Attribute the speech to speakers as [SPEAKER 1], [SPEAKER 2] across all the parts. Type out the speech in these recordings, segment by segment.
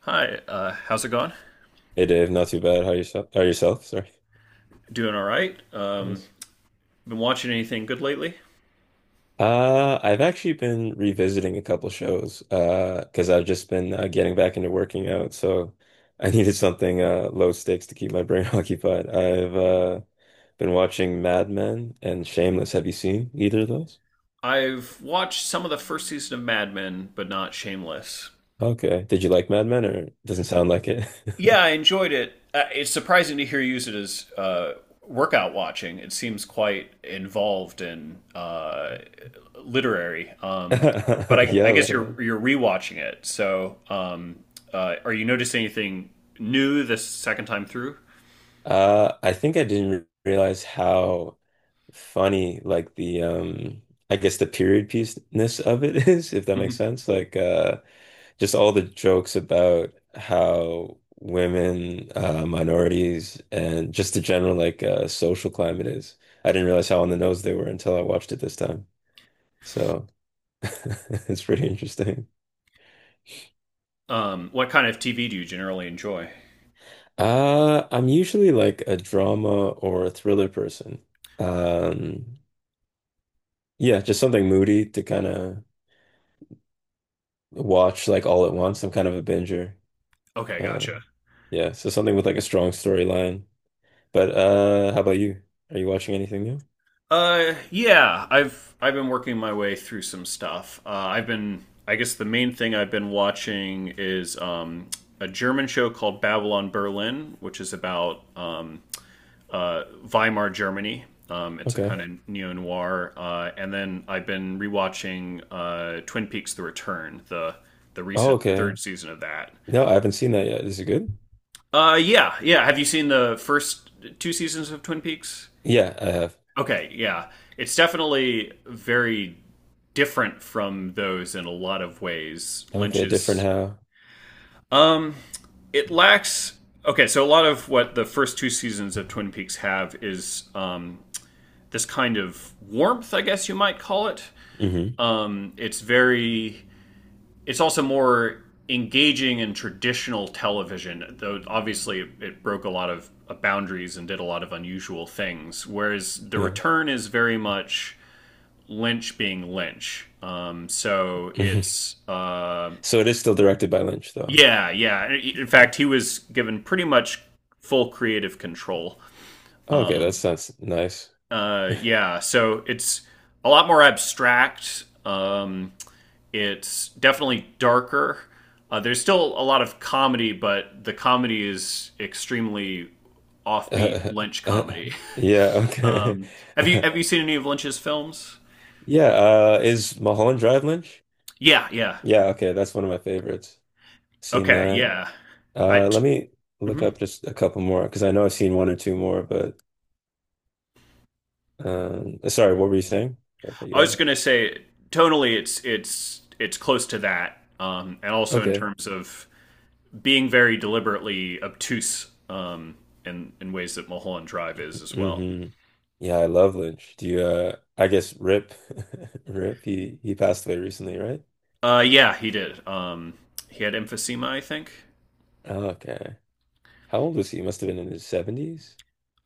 [SPEAKER 1] Hi, how's it going?
[SPEAKER 2] Hey Dave, not too bad. How yourself? Sorry.
[SPEAKER 1] Doing all right.
[SPEAKER 2] Nice.
[SPEAKER 1] Been watching anything good lately?
[SPEAKER 2] I've actually been revisiting a couple shows because I've just been getting back into working out, so I needed something low stakes to keep my brain occupied. I've been watching Mad Men and Shameless. Have you seen either of those?
[SPEAKER 1] I've watched some of the first season of Mad Men, but not Shameless.
[SPEAKER 2] Okay. Did you like Mad Men? Or doesn't sound like it?
[SPEAKER 1] Yeah, I enjoyed it. It's surprising to hear you use it as workout watching. It seems quite involved and literary. Um, but I, I
[SPEAKER 2] Yeah, a
[SPEAKER 1] guess
[SPEAKER 2] little bit.
[SPEAKER 1] you're rewatching it. So, are you noticing anything new this second time through?
[SPEAKER 2] I think I didn't realize how funny like the, I guess, the period piece-ness of it is, if that makes
[SPEAKER 1] Mhm.
[SPEAKER 2] sense. Like, just all the jokes about how women, minorities, and just the general like social climate is. I didn't realize how on the nose they were until I watched it this time. So it's pretty interesting.
[SPEAKER 1] What kind of TV do you generally enjoy?
[SPEAKER 2] I'm usually like a drama or a thriller person. Um, yeah, just something moody to kind of watch like all at once. I'm kind of a binger.
[SPEAKER 1] Okay,
[SPEAKER 2] Uh,
[SPEAKER 1] gotcha.
[SPEAKER 2] yeah, so something with like a strong storyline. But how about you? Are you watching anything new?
[SPEAKER 1] Yeah, I've been working my way through some stuff. I've been, I guess, the main thing I've been watching is a German show called Babylon Berlin, which is about Weimar Germany. It's a
[SPEAKER 2] Okay.
[SPEAKER 1] kind of neo noir. And then I've been rewatching Twin Peaks: The Return, the
[SPEAKER 2] Oh,
[SPEAKER 1] recent
[SPEAKER 2] okay.
[SPEAKER 1] third season of that.
[SPEAKER 2] No, I haven't seen that yet. Is it good?
[SPEAKER 1] Yeah, yeah. Have you seen the first two seasons of Twin Peaks?
[SPEAKER 2] Yeah, I have.
[SPEAKER 1] Okay, yeah. It's definitely very different from those in a lot of ways.
[SPEAKER 2] Okay, different
[SPEAKER 1] Lynch's
[SPEAKER 2] how?
[SPEAKER 1] it lacks Okay, so a lot of what the first two seasons of Twin Peaks have is this kind of warmth, I guess you might call it.
[SPEAKER 2] Hmm.
[SPEAKER 1] Um it's very it's also more engaging in traditional television, though obviously it broke a lot of boundaries and did a lot of unusual things. Whereas The
[SPEAKER 2] Yeah.
[SPEAKER 1] Return is very much Lynch being Lynch. So
[SPEAKER 2] Hmm.
[SPEAKER 1] it's
[SPEAKER 2] So it is still directed by Lynch, though.
[SPEAKER 1] Yeah, yeah. In fact, he was given pretty much full creative control.
[SPEAKER 2] Oh, okay, that sounds nice.
[SPEAKER 1] Yeah, so it's a lot more abstract. It's definitely darker. There's still a lot of comedy, but the comedy is extremely offbeat Lynch
[SPEAKER 2] Yeah,
[SPEAKER 1] comedy.
[SPEAKER 2] okay.
[SPEAKER 1] Um, have you seen any of Lynch's films?
[SPEAKER 2] Yeah, is Mulholland Drive Lynch?
[SPEAKER 1] Yeah, yeah.
[SPEAKER 2] Yeah, okay, that's one of my favorites. Seen
[SPEAKER 1] Okay,
[SPEAKER 2] that.
[SPEAKER 1] yeah. I.
[SPEAKER 2] Let me look
[SPEAKER 1] Mhm.
[SPEAKER 2] up just a couple more because I know I've seen one or two more, but. Sorry, what were you saying? I cut you
[SPEAKER 1] I
[SPEAKER 2] off?
[SPEAKER 1] was gonna say tonally, it's close to that, and also in
[SPEAKER 2] Okay.
[SPEAKER 1] terms of being very deliberately obtuse in ways that Mulholland Drive is as well.
[SPEAKER 2] Hmm. Yeah, I love Lynch. Do you I guess, Rip Rip, he passed away recently, right?
[SPEAKER 1] Yeah, he did. He had emphysema, I think.
[SPEAKER 2] Okay. How old was he? He must have been in his 70s.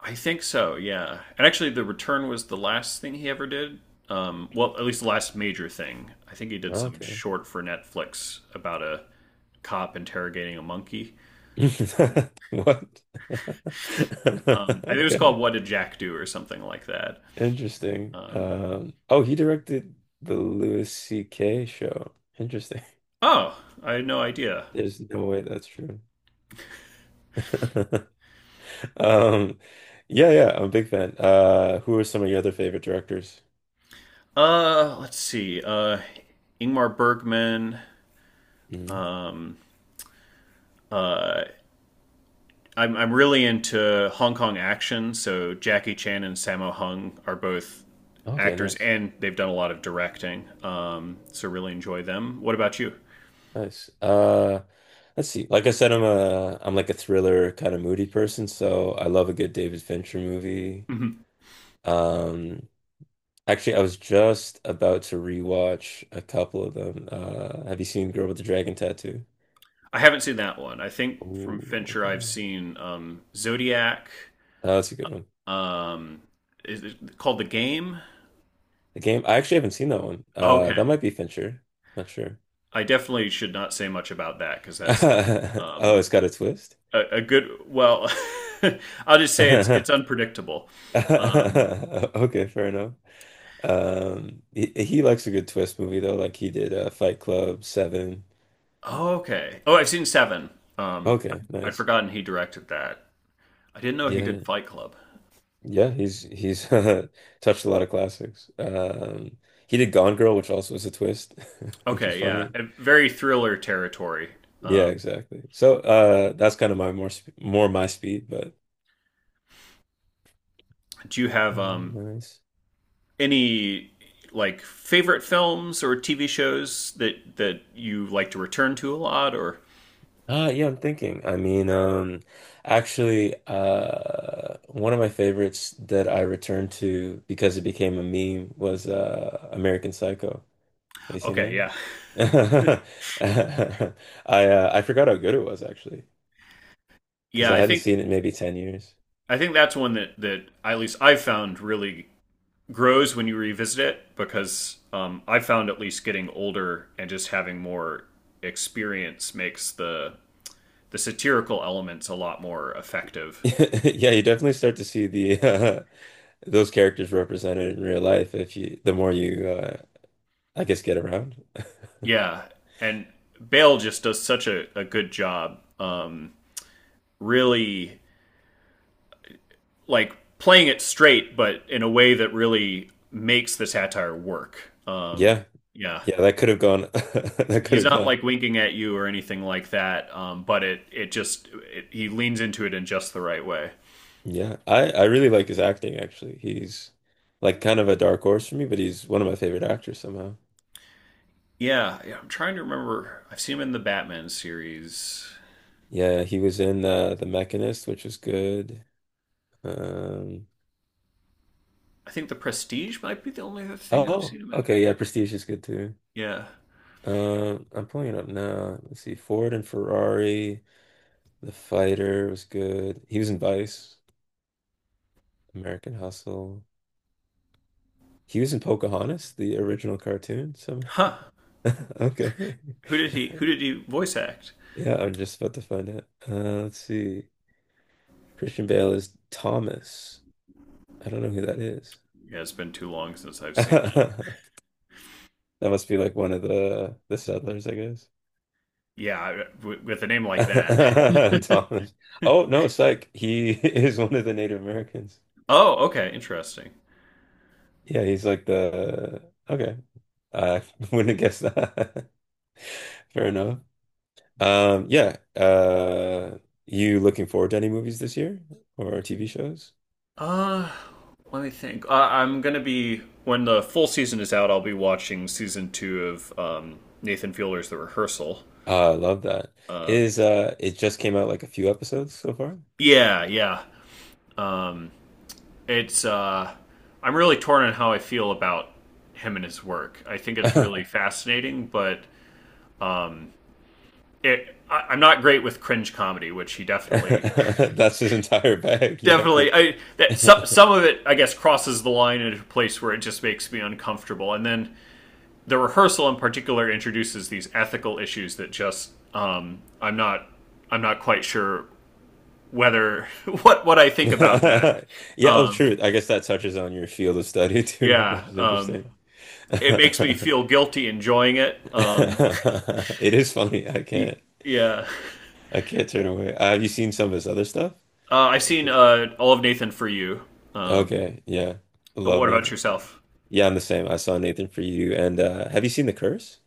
[SPEAKER 1] I think so. Yeah, and actually, The Return was the last thing he ever did. Well, at least the last major thing. I think he did some
[SPEAKER 2] Okay.
[SPEAKER 1] short for Netflix about a cop interrogating a monkey. Um,
[SPEAKER 2] What?
[SPEAKER 1] I think it was
[SPEAKER 2] Okay.
[SPEAKER 1] called "What Did Jack Do" or something like that.
[SPEAKER 2] Interesting.
[SPEAKER 1] Um,
[SPEAKER 2] Oh, he directed the Louis C.K. show. Interesting.
[SPEAKER 1] oh, I had no idea.
[SPEAKER 2] There's no way that's true. Um, yeah, yeah, I'm a big fan. Who are some of your other favorite directors?
[SPEAKER 1] Let's see. Ingmar Bergman.
[SPEAKER 2] Hmm.
[SPEAKER 1] Um, I'm really into Hong Kong action, so Jackie Chan and Sammo Hung are both
[SPEAKER 2] Okay,
[SPEAKER 1] actors,
[SPEAKER 2] nice,
[SPEAKER 1] and they've done a lot of directing. So really enjoy them. What about you?
[SPEAKER 2] nice. Let's see. Like I said, I'm like a thriller kind of moody person, so I love a good David Fincher movie.
[SPEAKER 1] Hmm.
[SPEAKER 2] Um, actually, I was just about to rewatch a couple of them. Have you seen Girl with the Dragon Tattoo?
[SPEAKER 1] I haven't seen that one. I think from
[SPEAKER 2] Oh,
[SPEAKER 1] Fincher, I've
[SPEAKER 2] okay.
[SPEAKER 1] seen Zodiac.
[SPEAKER 2] Oh, that's a good one.
[SPEAKER 1] Um, is it called The Game?
[SPEAKER 2] The Game, I actually haven't seen that one.
[SPEAKER 1] Okay.
[SPEAKER 2] That might be Fincher. Not sure.
[SPEAKER 1] I definitely should not say much about that because that's
[SPEAKER 2] Oh,
[SPEAKER 1] um,
[SPEAKER 2] it's got a twist.
[SPEAKER 1] a good. Well, I'll just say it's unpredictable. um
[SPEAKER 2] Okay, fair enough. He likes a good twist movie though, like he did Fight Club, Seven.
[SPEAKER 1] oh, okay. Oh, I've seen Seven. um
[SPEAKER 2] Okay,
[SPEAKER 1] I'd
[SPEAKER 2] nice.
[SPEAKER 1] forgotten he directed that. I didn't know he did
[SPEAKER 2] Yeah,
[SPEAKER 1] Fight Club.
[SPEAKER 2] yeah, he's touched a lot of classics. He did Gone Girl, which also is a twist, which is
[SPEAKER 1] Okay, yeah,
[SPEAKER 2] funny.
[SPEAKER 1] a very thriller territory.
[SPEAKER 2] Yeah,
[SPEAKER 1] um
[SPEAKER 2] exactly. So that's kind of my more my speed, but
[SPEAKER 1] do you have
[SPEAKER 2] nice.
[SPEAKER 1] any like favorite films or TV shows that you like to return to a lot, or?
[SPEAKER 2] Yeah, I'm thinking. I mean, actually, one of my favorites that I returned to because it became a meme was American Psycho. Have you seen
[SPEAKER 1] Okay,
[SPEAKER 2] that?
[SPEAKER 1] yeah,
[SPEAKER 2] I forgot how good it was actually, because
[SPEAKER 1] yeah,
[SPEAKER 2] I
[SPEAKER 1] i
[SPEAKER 2] hadn't
[SPEAKER 1] think
[SPEAKER 2] seen it in maybe 10 years.
[SPEAKER 1] i think that's one that at least I've found really grows when you revisit it because I found at least getting older and just having more experience makes the satirical elements a lot more effective.
[SPEAKER 2] Yeah, you definitely start to see the those characters represented in real life if you the more you I guess, get around.
[SPEAKER 1] Yeah, and Bale just does such a good job, really like playing it straight, but in a way that really makes the satire work.
[SPEAKER 2] Yeah.
[SPEAKER 1] Yeah,
[SPEAKER 2] Yeah, that could have gone that could
[SPEAKER 1] he's
[SPEAKER 2] have
[SPEAKER 1] not
[SPEAKER 2] gone.
[SPEAKER 1] like winking at you or anything like that, but he leans into it in just the right way.
[SPEAKER 2] Yeah, I really like his acting actually. He's like kind of a dark horse for me, but he's one of my favorite actors somehow.
[SPEAKER 1] Yeah, yeah, I'm trying to remember. I've seen him in the Batman series.
[SPEAKER 2] Yeah, he was in The Mechanist, which was good. Um,
[SPEAKER 1] I think The Prestige might be the only other thing I've
[SPEAKER 2] oh,
[SPEAKER 1] seen him in.
[SPEAKER 2] okay, yeah, Prestige is good too.
[SPEAKER 1] Yeah.
[SPEAKER 2] Um, I'm pulling it up now. Let's see. Ford and Ferrari, The Fighter was good. He was in Vice, American Hustle. He was in Pocahontas, the original cartoon. So
[SPEAKER 1] Huh.
[SPEAKER 2] okay.
[SPEAKER 1] Who did he voice act?
[SPEAKER 2] Yeah, I'm just about to find out. Let's see. Christian Bale is Thomas. I don't know who that is.
[SPEAKER 1] Yeah, it's been too long since I've seen that.
[SPEAKER 2] That must be like one of the settlers, I guess.
[SPEAKER 1] Yeah, with a name like that.
[SPEAKER 2] Thomas. Oh no, psych. He is one of the Native Americans.
[SPEAKER 1] Oh, okay, interesting.
[SPEAKER 2] Yeah, he's like the okay. I wouldn't have guessed that. Fair enough. Yeah. You looking forward to any movies this year or TV shows?
[SPEAKER 1] Uh, Let me think. I'm gonna be When the full season is out, I'll be watching season two of Nathan Fielder's The Rehearsal.
[SPEAKER 2] I love that.
[SPEAKER 1] Um,
[SPEAKER 2] Is it just came out like a few episodes so far?
[SPEAKER 1] yeah, yeah. Um, it's I'm really torn on how I feel about him and his work. I think it's really fascinating, but I'm not great with cringe comedy, which he definitely
[SPEAKER 2] That's his entire bag. You might
[SPEAKER 1] definitely.
[SPEAKER 2] be.
[SPEAKER 1] I that some of it I guess crosses the line into a place where it just makes me uncomfortable. And then the rehearsal in particular introduces these ethical issues that just I'm not quite sure whether what I think about that.
[SPEAKER 2] Yeah, oh,
[SPEAKER 1] Um
[SPEAKER 2] true. I guess that touches on your field of study too,
[SPEAKER 1] yeah,
[SPEAKER 2] which is interesting.
[SPEAKER 1] it makes me feel guilty enjoying it.
[SPEAKER 2] It is funny. I can't.
[SPEAKER 1] Yeah.
[SPEAKER 2] I can't turn away. Have you seen some of his other stuff?
[SPEAKER 1] I've
[SPEAKER 2] Like
[SPEAKER 1] seen
[SPEAKER 2] his-
[SPEAKER 1] all of Nathan For You. Um,
[SPEAKER 2] Okay. Yeah.
[SPEAKER 1] but
[SPEAKER 2] Love
[SPEAKER 1] what about
[SPEAKER 2] Nathan Freed.
[SPEAKER 1] yourself?
[SPEAKER 2] Yeah, I'm the same. I saw Nathan Freed and have you seen The Curse?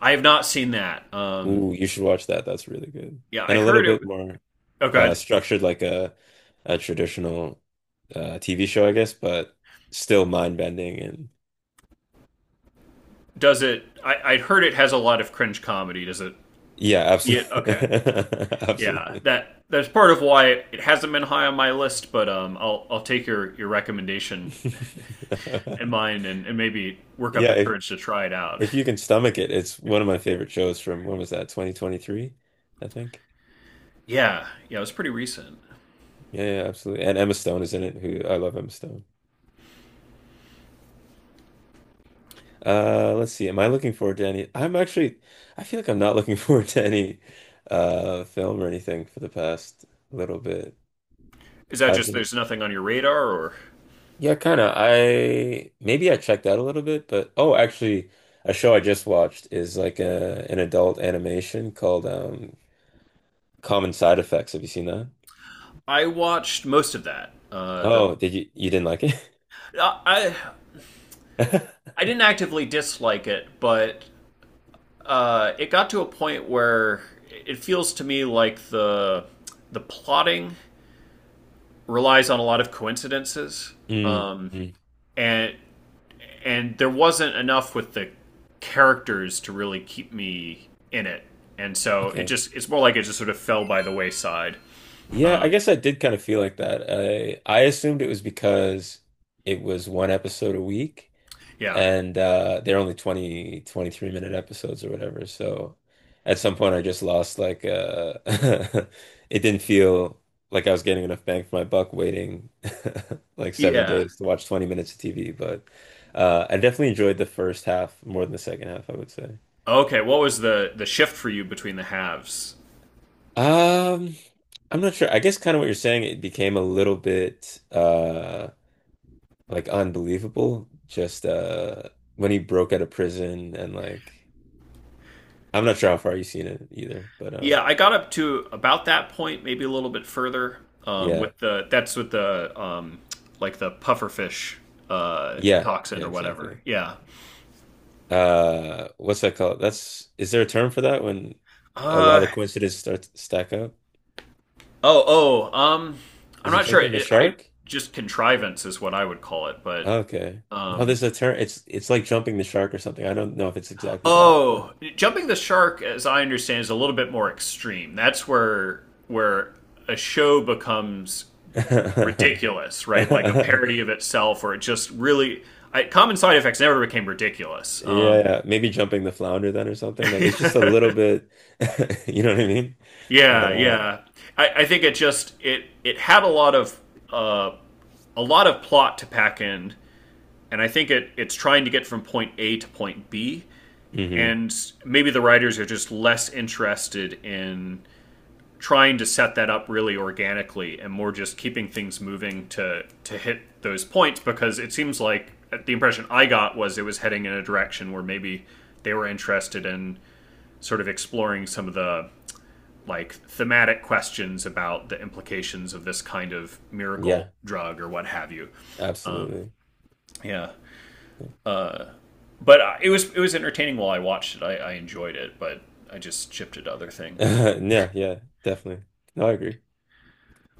[SPEAKER 1] I have not seen that.
[SPEAKER 2] Ooh, you should watch that. That's really good.
[SPEAKER 1] Yeah, I
[SPEAKER 2] And a little
[SPEAKER 1] heard it.
[SPEAKER 2] bit more.
[SPEAKER 1] Oh,
[SPEAKER 2] Uh,
[SPEAKER 1] God.
[SPEAKER 2] structured like a traditional TV show, I guess, but still mind bending and
[SPEAKER 1] Does it? I heard it has a lot of cringe comedy. Does it?
[SPEAKER 2] yeah,
[SPEAKER 1] Yeah. Okay.
[SPEAKER 2] absolutely,
[SPEAKER 1] Yeah.
[SPEAKER 2] absolutely.
[SPEAKER 1] That's part of why it hasn't been high on my list. But I'll take your recommendation in mind and maybe work up
[SPEAKER 2] Yeah,
[SPEAKER 1] the courage to try it out.
[SPEAKER 2] if you can stomach it, it's one of my favorite shows from when was that? 2023, I think.
[SPEAKER 1] Yeah. Yeah. It was pretty recent.
[SPEAKER 2] Yeah, yeah, absolutely. And Emma Stone is in it, who I love Emma Stone. Let's see. Am I looking forward to any? I'm actually, I feel like I'm not looking forward to any film or anything for the past little bit.
[SPEAKER 1] Is that
[SPEAKER 2] I've
[SPEAKER 1] just
[SPEAKER 2] been
[SPEAKER 1] there's nothing on your radar, or?
[SPEAKER 2] yeah, kind of. I maybe I checked out a little bit, but oh, actually, a show I just watched is like a an adult animation called Common Side Effects. Have you seen that?
[SPEAKER 1] I watched most of that. The
[SPEAKER 2] Oh, did you you didn't like it?
[SPEAKER 1] Uh, I I didn't actively dislike it, but it got to a point where it feels to me like the plotting relies on a lot of coincidences,
[SPEAKER 2] Mm,
[SPEAKER 1] um,
[SPEAKER 2] mm.
[SPEAKER 1] and and there wasn't enough with the characters to really keep me in it, and so
[SPEAKER 2] Okay.
[SPEAKER 1] it's more like it just sort of fell by the wayside.
[SPEAKER 2] Yeah, I
[SPEAKER 1] Um,
[SPEAKER 2] guess I did kind of feel like that. I assumed it was because it was one episode a week.
[SPEAKER 1] yeah,
[SPEAKER 2] And they're only 23-minute episodes or whatever, so at some point I just lost like it didn't feel like I was getting enough bang for my buck, waiting like seven
[SPEAKER 1] yeah.
[SPEAKER 2] days to watch 20 minutes of TV. But I definitely enjoyed the first half more than the second half, I would say.
[SPEAKER 1] Okay, what was the shift for you between the halves?
[SPEAKER 2] Um, I'm not sure. I guess kind of what you're saying, it became a little bit like unbelievable, just when he broke out of prison and like, I'm not sure how far you've seen it either, but
[SPEAKER 1] Yeah, I got up to about that point, maybe a little bit further.
[SPEAKER 2] yeah,
[SPEAKER 1] With the That's with the like the pufferfish
[SPEAKER 2] yeah,
[SPEAKER 1] toxin
[SPEAKER 2] yeah,
[SPEAKER 1] or whatever.
[SPEAKER 2] exactly.
[SPEAKER 1] Yeah.
[SPEAKER 2] What's that called? That's is there a term for that when a lot
[SPEAKER 1] Uh
[SPEAKER 2] of coincidences start to stack up?
[SPEAKER 1] oh oh um I'm
[SPEAKER 2] Is it
[SPEAKER 1] not sure.
[SPEAKER 2] jumping the
[SPEAKER 1] It, I
[SPEAKER 2] shark?
[SPEAKER 1] Just contrivance is what I would call it, but
[SPEAKER 2] Okay. No,
[SPEAKER 1] um
[SPEAKER 2] there's a term. It's like jumping the shark or something. I don't know if it's exactly that,
[SPEAKER 1] oh,
[SPEAKER 2] but
[SPEAKER 1] jumping the shark, as I understand, is a little bit more extreme. That's where a show becomes ridiculous, right? Like a parody of itself, or it just really. Common Side Effects never became ridiculous.
[SPEAKER 2] yeah, maybe jumping the flounder then or something. Like it's just a little bit, you know what I mean? But
[SPEAKER 1] Yeah, yeah. I think it just it it had uh, a lot of plot to pack in, and I think it's trying to get from point A to point B,
[SPEAKER 2] mhm.
[SPEAKER 1] and maybe the writers are just less interested in trying to set that up really organically and more just keeping things moving to hit those points because it seems like the impression I got was it was heading in a direction where maybe they were interested in sort of exploring some of the like thematic questions about the implications of this kind of miracle
[SPEAKER 2] Yeah,
[SPEAKER 1] drug or what have you. Um,
[SPEAKER 2] absolutely.
[SPEAKER 1] yeah, but it was entertaining while I watched it. I enjoyed it, but I just shifted to other things.
[SPEAKER 2] Yeah, yeah, definitely. No, I agree.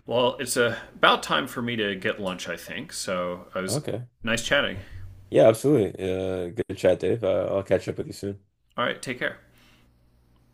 [SPEAKER 1] Well, it's about time for me to get lunch, I think. So, I was
[SPEAKER 2] Okay.
[SPEAKER 1] nice chatting.
[SPEAKER 2] Yeah, absolutely. Good chat, Dave. I'll catch up with you soon.
[SPEAKER 1] All right, take care.